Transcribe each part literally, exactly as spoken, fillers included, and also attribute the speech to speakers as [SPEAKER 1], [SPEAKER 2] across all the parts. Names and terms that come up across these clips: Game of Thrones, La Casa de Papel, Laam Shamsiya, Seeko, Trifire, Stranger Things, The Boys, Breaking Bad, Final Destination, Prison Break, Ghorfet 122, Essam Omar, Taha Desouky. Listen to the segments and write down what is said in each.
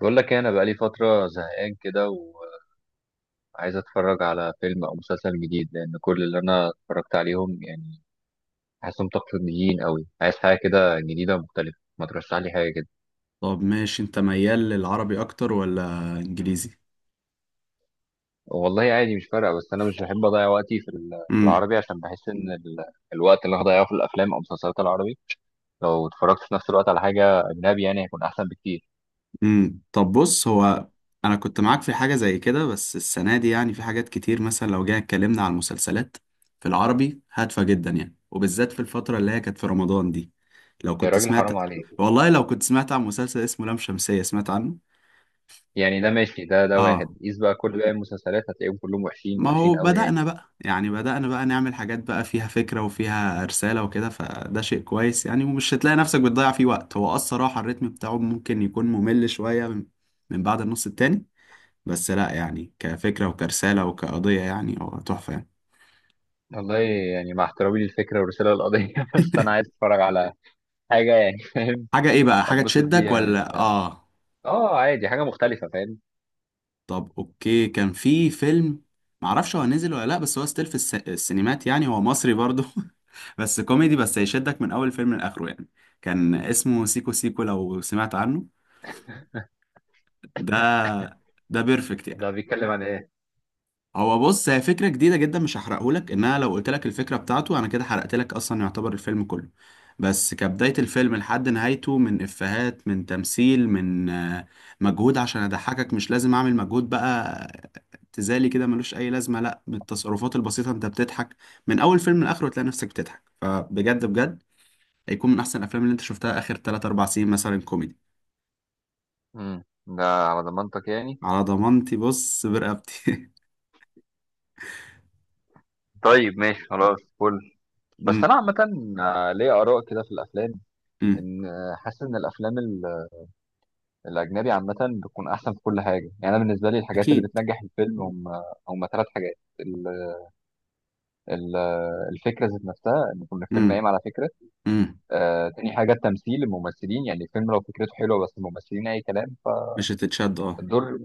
[SPEAKER 1] بقول لك إيه، انا بقالي فتره زهقان كده وعايز اتفرج على فيلم او مسلسل جديد لان كل اللي انا اتفرجت عليهم يعني حاسسهم تقليديين قوي، عايز حاجه كده جديده مختلفه. ما ترشح لي حاجه كده.
[SPEAKER 2] طب ماشي، انت ميال للعربي اكتر ولا انجليزي؟
[SPEAKER 1] والله عادي مش فارقه، بس انا مش بحب اضيع وقتي في ال- في
[SPEAKER 2] امم
[SPEAKER 1] العربي، عشان بحس ان ال- الوقت اللي هضيعه في الافلام او مسلسلات العربي لو اتفرجت في نفس الوقت على حاجه اجنبي يعني هيكون احسن بكتير.
[SPEAKER 2] امم طب بص، هو انا كنت معاك في حاجه زي كده، بس السنه دي يعني في حاجات كتير. مثلا لو جينا اتكلمنا على المسلسلات، في العربي هادفه جدا يعني، وبالذات في الفتره اللي هي كانت في رمضان دي. لو
[SPEAKER 1] يا
[SPEAKER 2] كنت
[SPEAKER 1] راجل حرام
[SPEAKER 2] سمعت،
[SPEAKER 1] عليك!
[SPEAKER 2] والله لو كنت سمعت عن مسلسل اسمه لام شمسيه، سمعت عنه؟
[SPEAKER 1] يعني ده ماشي، ده ده
[SPEAKER 2] اه،
[SPEAKER 1] واحد قيس بقى كل باقي المسلسلات هتلاقيهم كلهم وحشين
[SPEAKER 2] ما
[SPEAKER 1] وحشين
[SPEAKER 2] هو
[SPEAKER 1] قوي يعني.
[SPEAKER 2] بدأنا بقى يعني بدأنا بقى نعمل حاجات بقى فيها فكرة وفيها رسالة وكده، فده شيء كويس يعني، ومش هتلاقي نفسك بتضيع فيه وقت. هو اه الصراحة الريتم بتاعه ممكن يكون ممل شوية من من بعد النص التاني، بس لا يعني، كفكرة وكرسالة وكقضية يعني هو تحفة يعني.
[SPEAKER 1] والله يعني مع احترامي للفكرة والرسالة والقضية بس أنا عايز أتفرج على حاجة، يعني فاهم،
[SPEAKER 2] حاجة ايه بقى؟ حاجة
[SPEAKER 1] أتبسط
[SPEAKER 2] تشدك
[SPEAKER 1] بيها، مش
[SPEAKER 2] ولا اه؟
[SPEAKER 1] آه عادي، حاجة مختلفة، فاهم.
[SPEAKER 2] طب اوكي، كان في فيلم، معرفش هو نزل ولا لا، بس هو ستيل في الس... السينمات يعني. هو مصري برضه، بس كوميدي، بس هيشدك من اول فيلم لاخره يعني. كان اسمه سيكو سيكو، لو سمعت عنه؟ ده ده بيرفكت يعني.
[SPEAKER 1] ده بيتكلم عن إيه؟
[SPEAKER 2] هو بص، هي فكرة جديدة جدا، مش هحرقهولك، انها لو قلت لك الفكرة بتاعته انا كده حرقت لك اصلا، يعتبر الفيلم كله. بس كبداية الفيلم لحد نهايته، من افيهات، من تمثيل، من آه، مجهود عشان اضحكك. مش لازم اعمل مجهود بقى تزالي كده ملوش اي لازمة، لا، من التصرفات البسيطة انت بتضحك. من اول فيلم لاخره تلاقي نفسك بتضحك، فبجد بجد هيكون من احسن الافلام اللي انت شفتها اخر تلاتة اربعة سنين مثلا كوميدي.
[SPEAKER 1] امم ده على ضمانتك يعني.
[SPEAKER 2] على ضمانتي، بص برقبتي.
[SPEAKER 1] طيب ماشي خلاص، فل. بس
[SPEAKER 2] أمم،
[SPEAKER 1] أنا عامة، آه، ليا آراء كده في الأفلام،
[SPEAKER 2] أمم،
[SPEAKER 1] إن آه، حاسس إن الأفلام ال- الأجنبي عامة بتكون أحسن في كل حاجة. يعني أنا بالنسبة لي الحاجات اللي
[SPEAKER 2] اكيد.
[SPEAKER 1] بتنجح الفيلم هم هم ثلاث حاجات: ال- ال- الفكرة ذات نفسها، إن يكون الفيلم
[SPEAKER 2] أمم،
[SPEAKER 1] قايم على فكرة.
[SPEAKER 2] أمم،
[SPEAKER 1] آه، تاني حاجة التمثيل، الممثلين، يعني الفيلم لو فكرته حلوة بس الممثلين أي كلام
[SPEAKER 2] مش هتتشد، اه.
[SPEAKER 1] فالدور.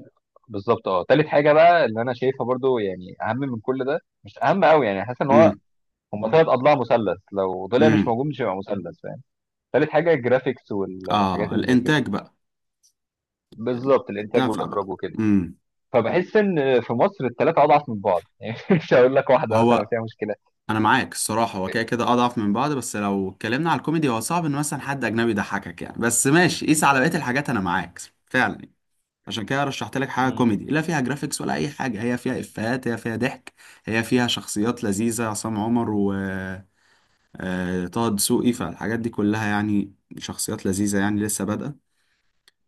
[SPEAKER 1] بالظبط. اه، تالت حاجة بقى اللي أنا شايفها برضو، يعني أهم من كل ده، مش أهم أوي يعني، حاسس إن هو
[SPEAKER 2] امم
[SPEAKER 1] هما تلات أضلاع مثلث، لو طلع مش
[SPEAKER 2] امم
[SPEAKER 1] موجود مش هيبقى مثلث، فاهم. تالت حاجة الجرافيكس والحاجات
[SPEAKER 2] اه،
[SPEAKER 1] اللي زي كده.
[SPEAKER 2] الانتاج بقى،
[SPEAKER 1] بالظبط، الإنتاج
[SPEAKER 2] الدافع بقى.
[SPEAKER 1] والإخراج وكده.
[SPEAKER 2] امم
[SPEAKER 1] فبحس إن في مصر التلاتة أضعف من بعض يعني، مش هقول لك واحدة مثلا
[SPEAKER 2] هو
[SPEAKER 1] فيها مشكلة.
[SPEAKER 2] انا معاك الصراحه، هو كده كده اضعف من بعض، بس لو اتكلمنا على الكوميدي هو صعب ان مثلا حد اجنبي يضحكك يعني، بس ماشي، قيس على بقيه الحاجات، انا معاك فعلا. عشان كده رشحت لك حاجه
[SPEAKER 1] مم.
[SPEAKER 2] كوميدي، لا فيها جرافيكس ولا اي حاجه، هي فيها افيهات، هي فيها ضحك، هي فيها شخصيات لذيذه، عصام عمر و آه، آه، طه دسوقي. فالحاجات دي كلها يعني شخصيات لذيذه، يعني لسه بادئه.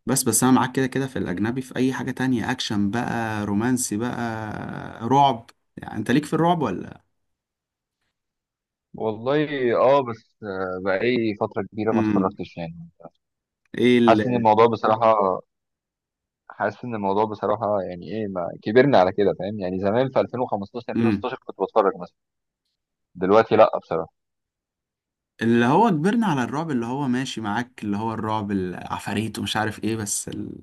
[SPEAKER 2] بس بس انا معاك كده كده، في الاجنبي، في اي حاجة تانية، اكشن بقى، رومانسي بقى، رعب. يعني انت ليك في الرعب ولا؟
[SPEAKER 1] والله، اه بس آه، بقالي فترة كبيرة ما
[SPEAKER 2] امم
[SPEAKER 1] اتفرجتش يعني.
[SPEAKER 2] ايه
[SPEAKER 1] حاسس ان
[SPEAKER 2] ال...
[SPEAKER 1] الموضوع بصراحة حاسس ان الموضوع بصراحه، يعني ايه، ما كبرنا على كده، فاهم. يعني زمان في ألفين وخمسة عشر
[SPEAKER 2] امم
[SPEAKER 1] ألفين وستاشر كنت بتفرج مثلا، دلوقتي لا بصراحه.
[SPEAKER 2] اللي هو كبرنا على الرعب، اللي هو ماشي معاك، اللي هو الرعب، العفاريت ومش عارف ايه، بس ال...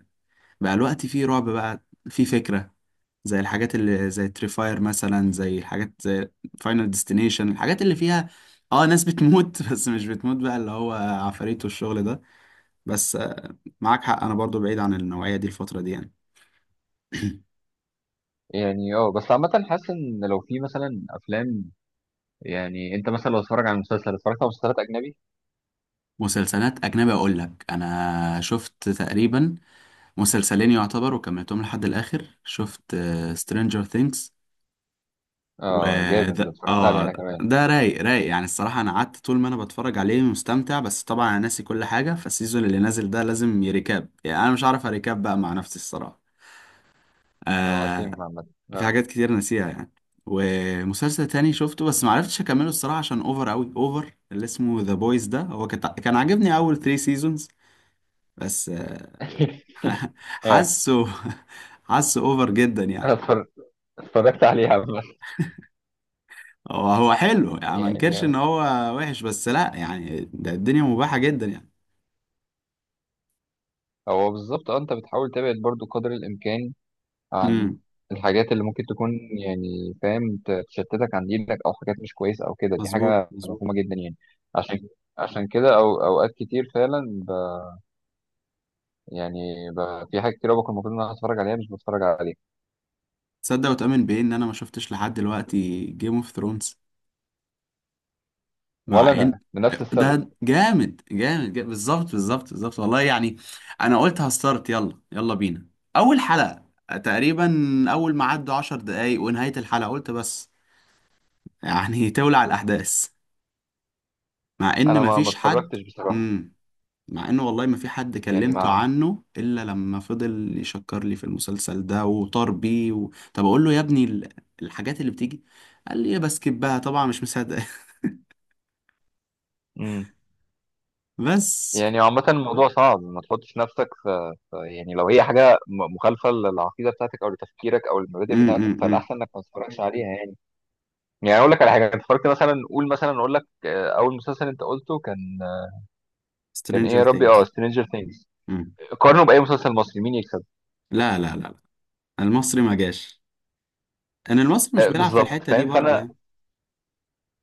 [SPEAKER 2] بقى الوقت فيه رعب، بقى فيه فكرة، زي الحاجات اللي زي تريفاير مثلا، زي الحاجات زي فاينل ديستنيشن، الحاجات اللي فيها اه ناس بتموت، بس مش بتموت بقى اللي هو عفاريت والشغل ده. بس آه، معاك حق، انا برضو بعيد عن النوعية دي الفترة دي يعني.
[SPEAKER 1] يعني اه، بس عامه حاسس ان لو في مثلا افلام، يعني انت مثلا لو اتفرج على مسلسل، اتفرجت على مسلسلات اجنبي.
[SPEAKER 2] مسلسلات أجنبي، أقول لك أنا شفت تقريبا مسلسلين يعتبر وكملتهم لحد الآخر، شفت سترينجر ثينكس و
[SPEAKER 1] اه جامد، ده
[SPEAKER 2] ده
[SPEAKER 1] اتفرجت عليه
[SPEAKER 2] آه
[SPEAKER 1] انا كمان.
[SPEAKER 2] ده رايق رايق يعني. الصراحة أنا قعدت طول ما أنا بتفرج عليه مستمتع، بس طبعا أنا ناسي كل حاجة، فالسيزون اللي نازل ده لازم يريكاب، يعني أنا مش عارف أريكاب بقى مع نفسي الصراحة.
[SPEAKER 1] اه
[SPEAKER 2] آه،
[SPEAKER 1] وسيم عامه.
[SPEAKER 2] في
[SPEAKER 1] اه.
[SPEAKER 2] حاجات كتير ناسيها يعني. ومسلسل تاني شفته بس معرفتش أكمله الصراحة عشان أوفر أوي، أوفر، اللي اسمه ذا بويز ده، هو كت- كان عاجبني أول ثلاث سيزونز، بس آه،
[SPEAKER 1] اه.
[SPEAKER 2] حاسه حاسه اوفر جدا
[SPEAKER 1] أنا
[SPEAKER 2] يعني.
[SPEAKER 1] اتفرج- اتفرجت عليه عامه،
[SPEAKER 2] هو هو حلو يعني، ما
[SPEAKER 1] يعني
[SPEAKER 2] انكرش ان
[SPEAKER 1] آه.
[SPEAKER 2] هو وحش، بس لا يعني، ده الدنيا مباحة جدا يعني.
[SPEAKER 1] هو بالظبط، اه انت بتحاول تبعد برضو قدر الامكان عن
[SPEAKER 2] امم
[SPEAKER 1] الحاجات اللي ممكن تكون، يعني فاهم، ت- تشتتك عن دينك او حاجات مش كويسه او كده، دي
[SPEAKER 2] مظبوط
[SPEAKER 1] حاجه
[SPEAKER 2] مظبوط.
[SPEAKER 1] مفهومه جدا يعني. عشان عشان كده او اوقات كتير فعلا، ب يعني ب في حاجات كتير أوي بكون المفروض ان انا اتفرج عليها مش بتفرج عليها.
[SPEAKER 2] تصدق وتؤمن بايه ان انا ما شفتش لحد دلوقتي جيم اوف ثرونز؟
[SPEAKER 1] ولا
[SPEAKER 2] مع ان
[SPEAKER 1] انا لنفس السبب،
[SPEAKER 2] ده جامد جامد, جامد. بالظبط بالظبط بالظبط والله يعني. انا قلت هستارت، يلا يلا بينا، اول حلقة تقريبا. اول ما عدوا عشر دقايق ونهاية الحلقة قلت بس، يعني تولع الاحداث، مع ان
[SPEAKER 1] انا ما ما
[SPEAKER 2] مفيش حد.
[SPEAKER 1] اتفرجتش بصراحه،
[SPEAKER 2] مم. مع انه والله ما في حد
[SPEAKER 1] يعني
[SPEAKER 2] كلمته
[SPEAKER 1] مع
[SPEAKER 2] عنه الا لما فضل يشكر لي في المسلسل ده وطار بيه، و... طب اقول له يا ابني ال- الحاجات اللي بتيجي قال لي بسكبها، طبعا مش مصدق،
[SPEAKER 1] امم.
[SPEAKER 2] بس.
[SPEAKER 1] يعني عامة الموضوع صعب، ما تحطش نفسك في في- يعني لو هي حاجة م- مخالفة للعقيدة بتاعتك أو لتفكيرك أو المبادئ بتاعتك،
[SPEAKER 2] امم
[SPEAKER 1] فالأحسن إنك ما تتفرجش عليها يعني. يعني اقول لك على حاجه انت اتفرجت مثلا، قول مثلا، اقول لك آه، اول مسلسل انت قلته كان، كان ايه
[SPEAKER 2] سترينجر
[SPEAKER 1] يا ربي، اه
[SPEAKER 2] ثينجز.
[SPEAKER 1] سترينجر ثينجز، قارنه باي مسلسل مصري مين يكسب.
[SPEAKER 2] لا لا لا لا، المصري ما جاش، ان المصري مش
[SPEAKER 1] آه،
[SPEAKER 2] بيلعب في
[SPEAKER 1] بالظبط،
[SPEAKER 2] الحتة دي
[SPEAKER 1] فاهم.
[SPEAKER 2] برضو
[SPEAKER 1] فانا
[SPEAKER 2] يعني،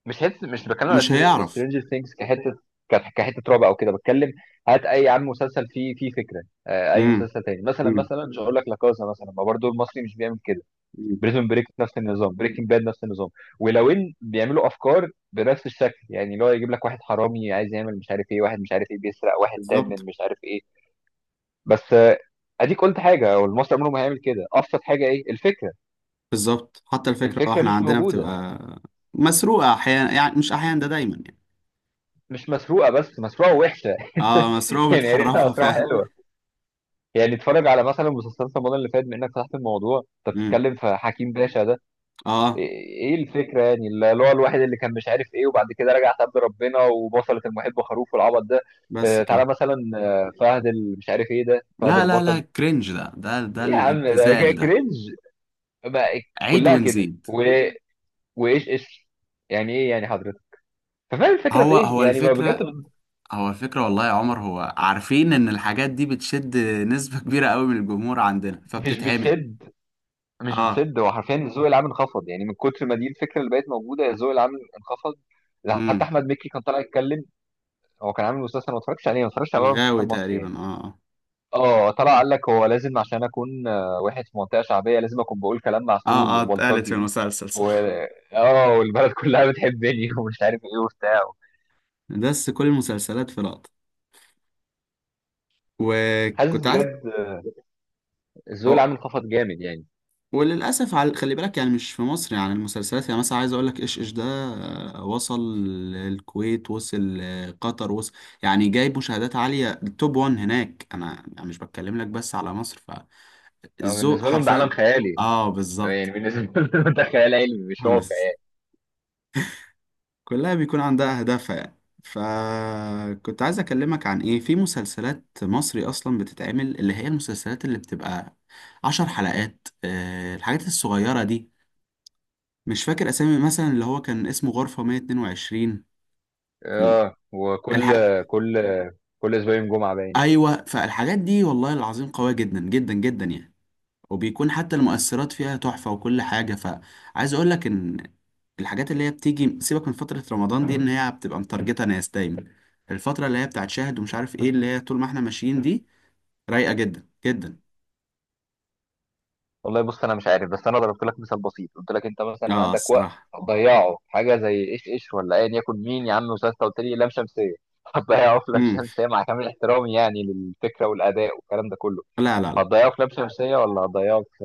[SPEAKER 1] مش حته، مش بتكلم على
[SPEAKER 2] ومش هيعرف.
[SPEAKER 1] سترينجر ثينجز كحته، ك- كحته رعب او كده بتكلم. هات اي عم مسلسل فيه فيه فكره، آه، اي
[SPEAKER 2] امم
[SPEAKER 1] مسلسل تاني مثلا،
[SPEAKER 2] امم
[SPEAKER 1] مثلا مش هقول لك، لا كازا مثلا، ما برضه المصري مش بيعمل كده.
[SPEAKER 2] أمم.
[SPEAKER 1] بريزون بريك نفس النظام، بريكنج باد نفس النظام. ولو ان بيعملوا افكار بنفس الشكل، يعني اللي هو يجيب لك واحد حرامي عايز يعمل مش عارف ايه، واحد مش عارف ايه بيسرق، واحد تاب من
[SPEAKER 2] بالظبط
[SPEAKER 1] مش عارف ايه، بس آه، اديك قلت حاجه والمصري عمره ما هيعمل كده. ابسط حاجه ايه الفكره،
[SPEAKER 2] بالظبط. حتى الفكرة، اه،
[SPEAKER 1] الفكره
[SPEAKER 2] احنا
[SPEAKER 1] مش
[SPEAKER 2] عندنا
[SPEAKER 1] موجوده.
[SPEAKER 2] بتبقى مسروقة احيانا، يعني مش احيانا، ده دايما يعني.
[SPEAKER 1] مش مسروقه بس مسروقه وحشه
[SPEAKER 2] اه، مسروقة
[SPEAKER 1] يعني يا ريتها
[SPEAKER 2] متحرفة،
[SPEAKER 1] مسروقه
[SPEAKER 2] فعلا.
[SPEAKER 1] حلوه. يعني اتفرج على مثلا مسلسلات رمضان اللي فات، بانك فتحت الموضوع انت
[SPEAKER 2] امم
[SPEAKER 1] بتتكلم في حكيم باشا ده،
[SPEAKER 2] اه،
[SPEAKER 1] ايه إيه الفكره يعني، اللي هو الواحد اللي كان مش عارف ايه وبعد كده رجع تاب ربنا وبصلت المحب خروف والعبط ده.
[SPEAKER 2] بس
[SPEAKER 1] اه، تعالى
[SPEAKER 2] كده.
[SPEAKER 1] مثلا آه، فهد ال- مش عارف ايه ده، فهد
[SPEAKER 2] لا لا لا،
[SPEAKER 1] البطل،
[SPEAKER 2] كرنج ده، ده ده
[SPEAKER 1] ايه يا عم ده
[SPEAKER 2] الابتذال ده،
[SPEAKER 1] كرنج بقى.
[SPEAKER 2] عيد
[SPEAKER 1] كلها كده
[SPEAKER 2] ونزيد.
[SPEAKER 1] و... وايش ايش يعني ايه يعني حضرتك. ففاهم الفكره في
[SPEAKER 2] هو
[SPEAKER 1] ايه
[SPEAKER 2] هو
[SPEAKER 1] يعني بقى بجد.
[SPEAKER 2] الفكرة، هو الفكرة والله يا عمر، هو عارفين ان الحاجات دي بتشد نسبة كبيرة قوي من الجمهور عندنا
[SPEAKER 1] مش
[SPEAKER 2] فبتتعمل.
[SPEAKER 1] بتسد مش
[SPEAKER 2] اه.
[SPEAKER 1] بتسد هو حرفيا الذوق العام انخفض يعني، من كتر ما دي الفكره اللي بقت موجوده الذوق العام انخفض. ده حتى
[SPEAKER 2] امم
[SPEAKER 1] احمد مكي كان طالع يتكلم، هو كان عامل مسلسل ما اتفرجتش عليه، ما اتفرجتش على ولا مسلسل
[SPEAKER 2] الغاوي
[SPEAKER 1] مصري يعني.
[SPEAKER 2] تقريبا، اه اه.
[SPEAKER 1] اه، طلع قال لك هو لازم عشان اكون آه، واحد في منطقه شعبيه لازم اكون بقول كلام معسول
[SPEAKER 2] اه اه، اتقالت في
[SPEAKER 1] وبلطجي،
[SPEAKER 2] المسلسل،
[SPEAKER 1] و
[SPEAKER 2] صح.
[SPEAKER 1] اه والبلد كلها بتحبني ومش عارف ايه وبتاع.
[SPEAKER 2] بس كل المسلسلات في لقطة،
[SPEAKER 1] حاسس
[SPEAKER 2] وكنت عايز
[SPEAKER 1] بجد الذوق
[SPEAKER 2] أو-
[SPEAKER 1] العام انخفض جامد يعني.
[SPEAKER 2] وللاسف، على خلي بالك يعني، مش في مصر يعني المسلسلات، يعني مثلا عايز اقول لك ايش ايش ده، آه، وصل الكويت، وصل آه، قطر، وصل يعني. جايب مشاهدات عاليه، التوب واحد هناك، انا أنا مش بتكلم لك بس على مصر،
[SPEAKER 1] آه،
[SPEAKER 2] فالذوق
[SPEAKER 1] بالنسبه لهم ده عالم
[SPEAKER 2] حرفيا.
[SPEAKER 1] خيالي،
[SPEAKER 2] اه
[SPEAKER 1] يعني
[SPEAKER 2] بالظبط.
[SPEAKER 1] بالنسبه لهم ده خيال علمي مش
[SPEAKER 2] بس
[SPEAKER 1] واقع.
[SPEAKER 2] كلها بيكون عندها اهدافها يعني. فكنت عايز اكلمك عن ايه، في مسلسلات مصري اصلا بتتعمل اللي هي المسلسلات اللي بتبقى عشر حلقات، آه، الحاجات الصغيره دي، مش فاكر اسامي، مثلا اللي هو كان اسمه غرفة مية اتنين وعشرين، ال-
[SPEAKER 1] اه، وكل
[SPEAKER 2] الحاج،
[SPEAKER 1] كل كل اسبوعين جمعه باين.
[SPEAKER 2] ايوه. فالحاجات دي والله العظيم قوية جدا جدا جدا يعني، وبيكون حتى المؤثرات فيها تحفة وكل حاجة. فعايز اقول لك ان الحاجات اللي هي بتيجي، سيبك من فترة رمضان دي، ان هي بتبقى متارجتة ناس دايما، الفترة اللي هي بتاعت شاهد ومش عارف ايه، اللي هي طول ما احنا ماشيين دي رايقة جدا جدا.
[SPEAKER 1] والله بص انا مش عارف، بس انا ضربت لك مثال بسيط، قلت لك انت مثلا
[SPEAKER 2] اه
[SPEAKER 1] عندك وقت
[SPEAKER 2] الصراحة.
[SPEAKER 1] هتضيعه في حاجه زي ايش ايش، ولا ايا يكن مين يا عم، وساستا قلت لي لام شمسيه هتضيعه في لام
[SPEAKER 2] امم
[SPEAKER 1] شمسيه، مع كامل احترامي يعني للفكره والاداء والكلام ده كله،
[SPEAKER 2] لا لا لا،
[SPEAKER 1] هتضيعه في لام شمسيه ولا هتضيعه في،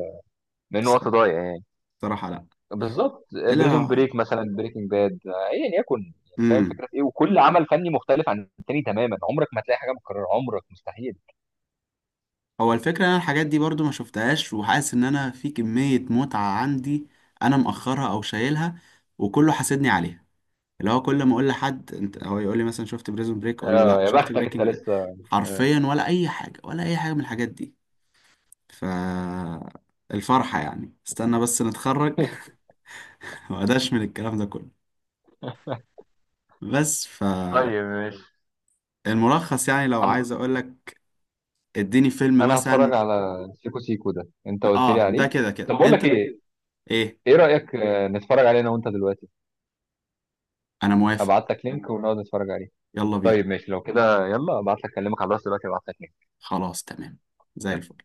[SPEAKER 1] من وقت ضايع يعني،
[SPEAKER 2] الصراحة لا.
[SPEAKER 1] بالظبط بريزون
[SPEAKER 2] لا.
[SPEAKER 1] بريك مثلا، بريكنج باد، ايا يكن. يعني فاهم
[SPEAKER 2] امم
[SPEAKER 1] الفكره في ايه، وكل عمل فني مختلف عن التاني تماما، عمرك ما هتلاقي حاجه متكرره عمرك، مستحيل.
[SPEAKER 2] هو الفكرة ان انا الحاجات دي برضو ما شفتهاش، وحاسس ان انا في كمية متعة عندي، انا مأخرها او شايلها، وكله حاسدني عليها. اللي هو كل ما اقول لحد انت، هو يقول لي مثلا شفت بريزون بريك؟ اقول له لا.
[SPEAKER 1] اه يا
[SPEAKER 2] شفت
[SPEAKER 1] بختك انت
[SPEAKER 2] بريكنج باد؟
[SPEAKER 1] لسه.
[SPEAKER 2] حرفيا ولا اي حاجة، ولا اي حاجة من الحاجات دي. ف الفرحة يعني استنى بس نتخرج، واداش من الكلام ده كله. بس فالملخص،
[SPEAKER 1] طيب ماشي.
[SPEAKER 2] يعني لو
[SPEAKER 1] عم...
[SPEAKER 2] عايز اقول لك اديني فيلم
[SPEAKER 1] انا
[SPEAKER 2] مثلا،
[SPEAKER 1] هتفرج على سيكو سيكو ده انت قلت لي
[SPEAKER 2] اه ده
[SPEAKER 1] عليه.
[SPEAKER 2] كده
[SPEAKER 1] طب
[SPEAKER 2] كده
[SPEAKER 1] بقول لك
[SPEAKER 2] انت.
[SPEAKER 1] ايه،
[SPEAKER 2] ايه،
[SPEAKER 1] ايه رايك آه، نتفرج عليه انا وانت دلوقتي،
[SPEAKER 2] انا موافق،
[SPEAKER 1] ابعت لك لينك ونقعد نتفرج عليه.
[SPEAKER 2] يلا بينا.
[SPEAKER 1] طيب ماشي لو كده، يلا ابعت لك، اكلمك على الواتس دلوقتي ابعت لك لينك.
[SPEAKER 2] خلاص تمام، زي الفل.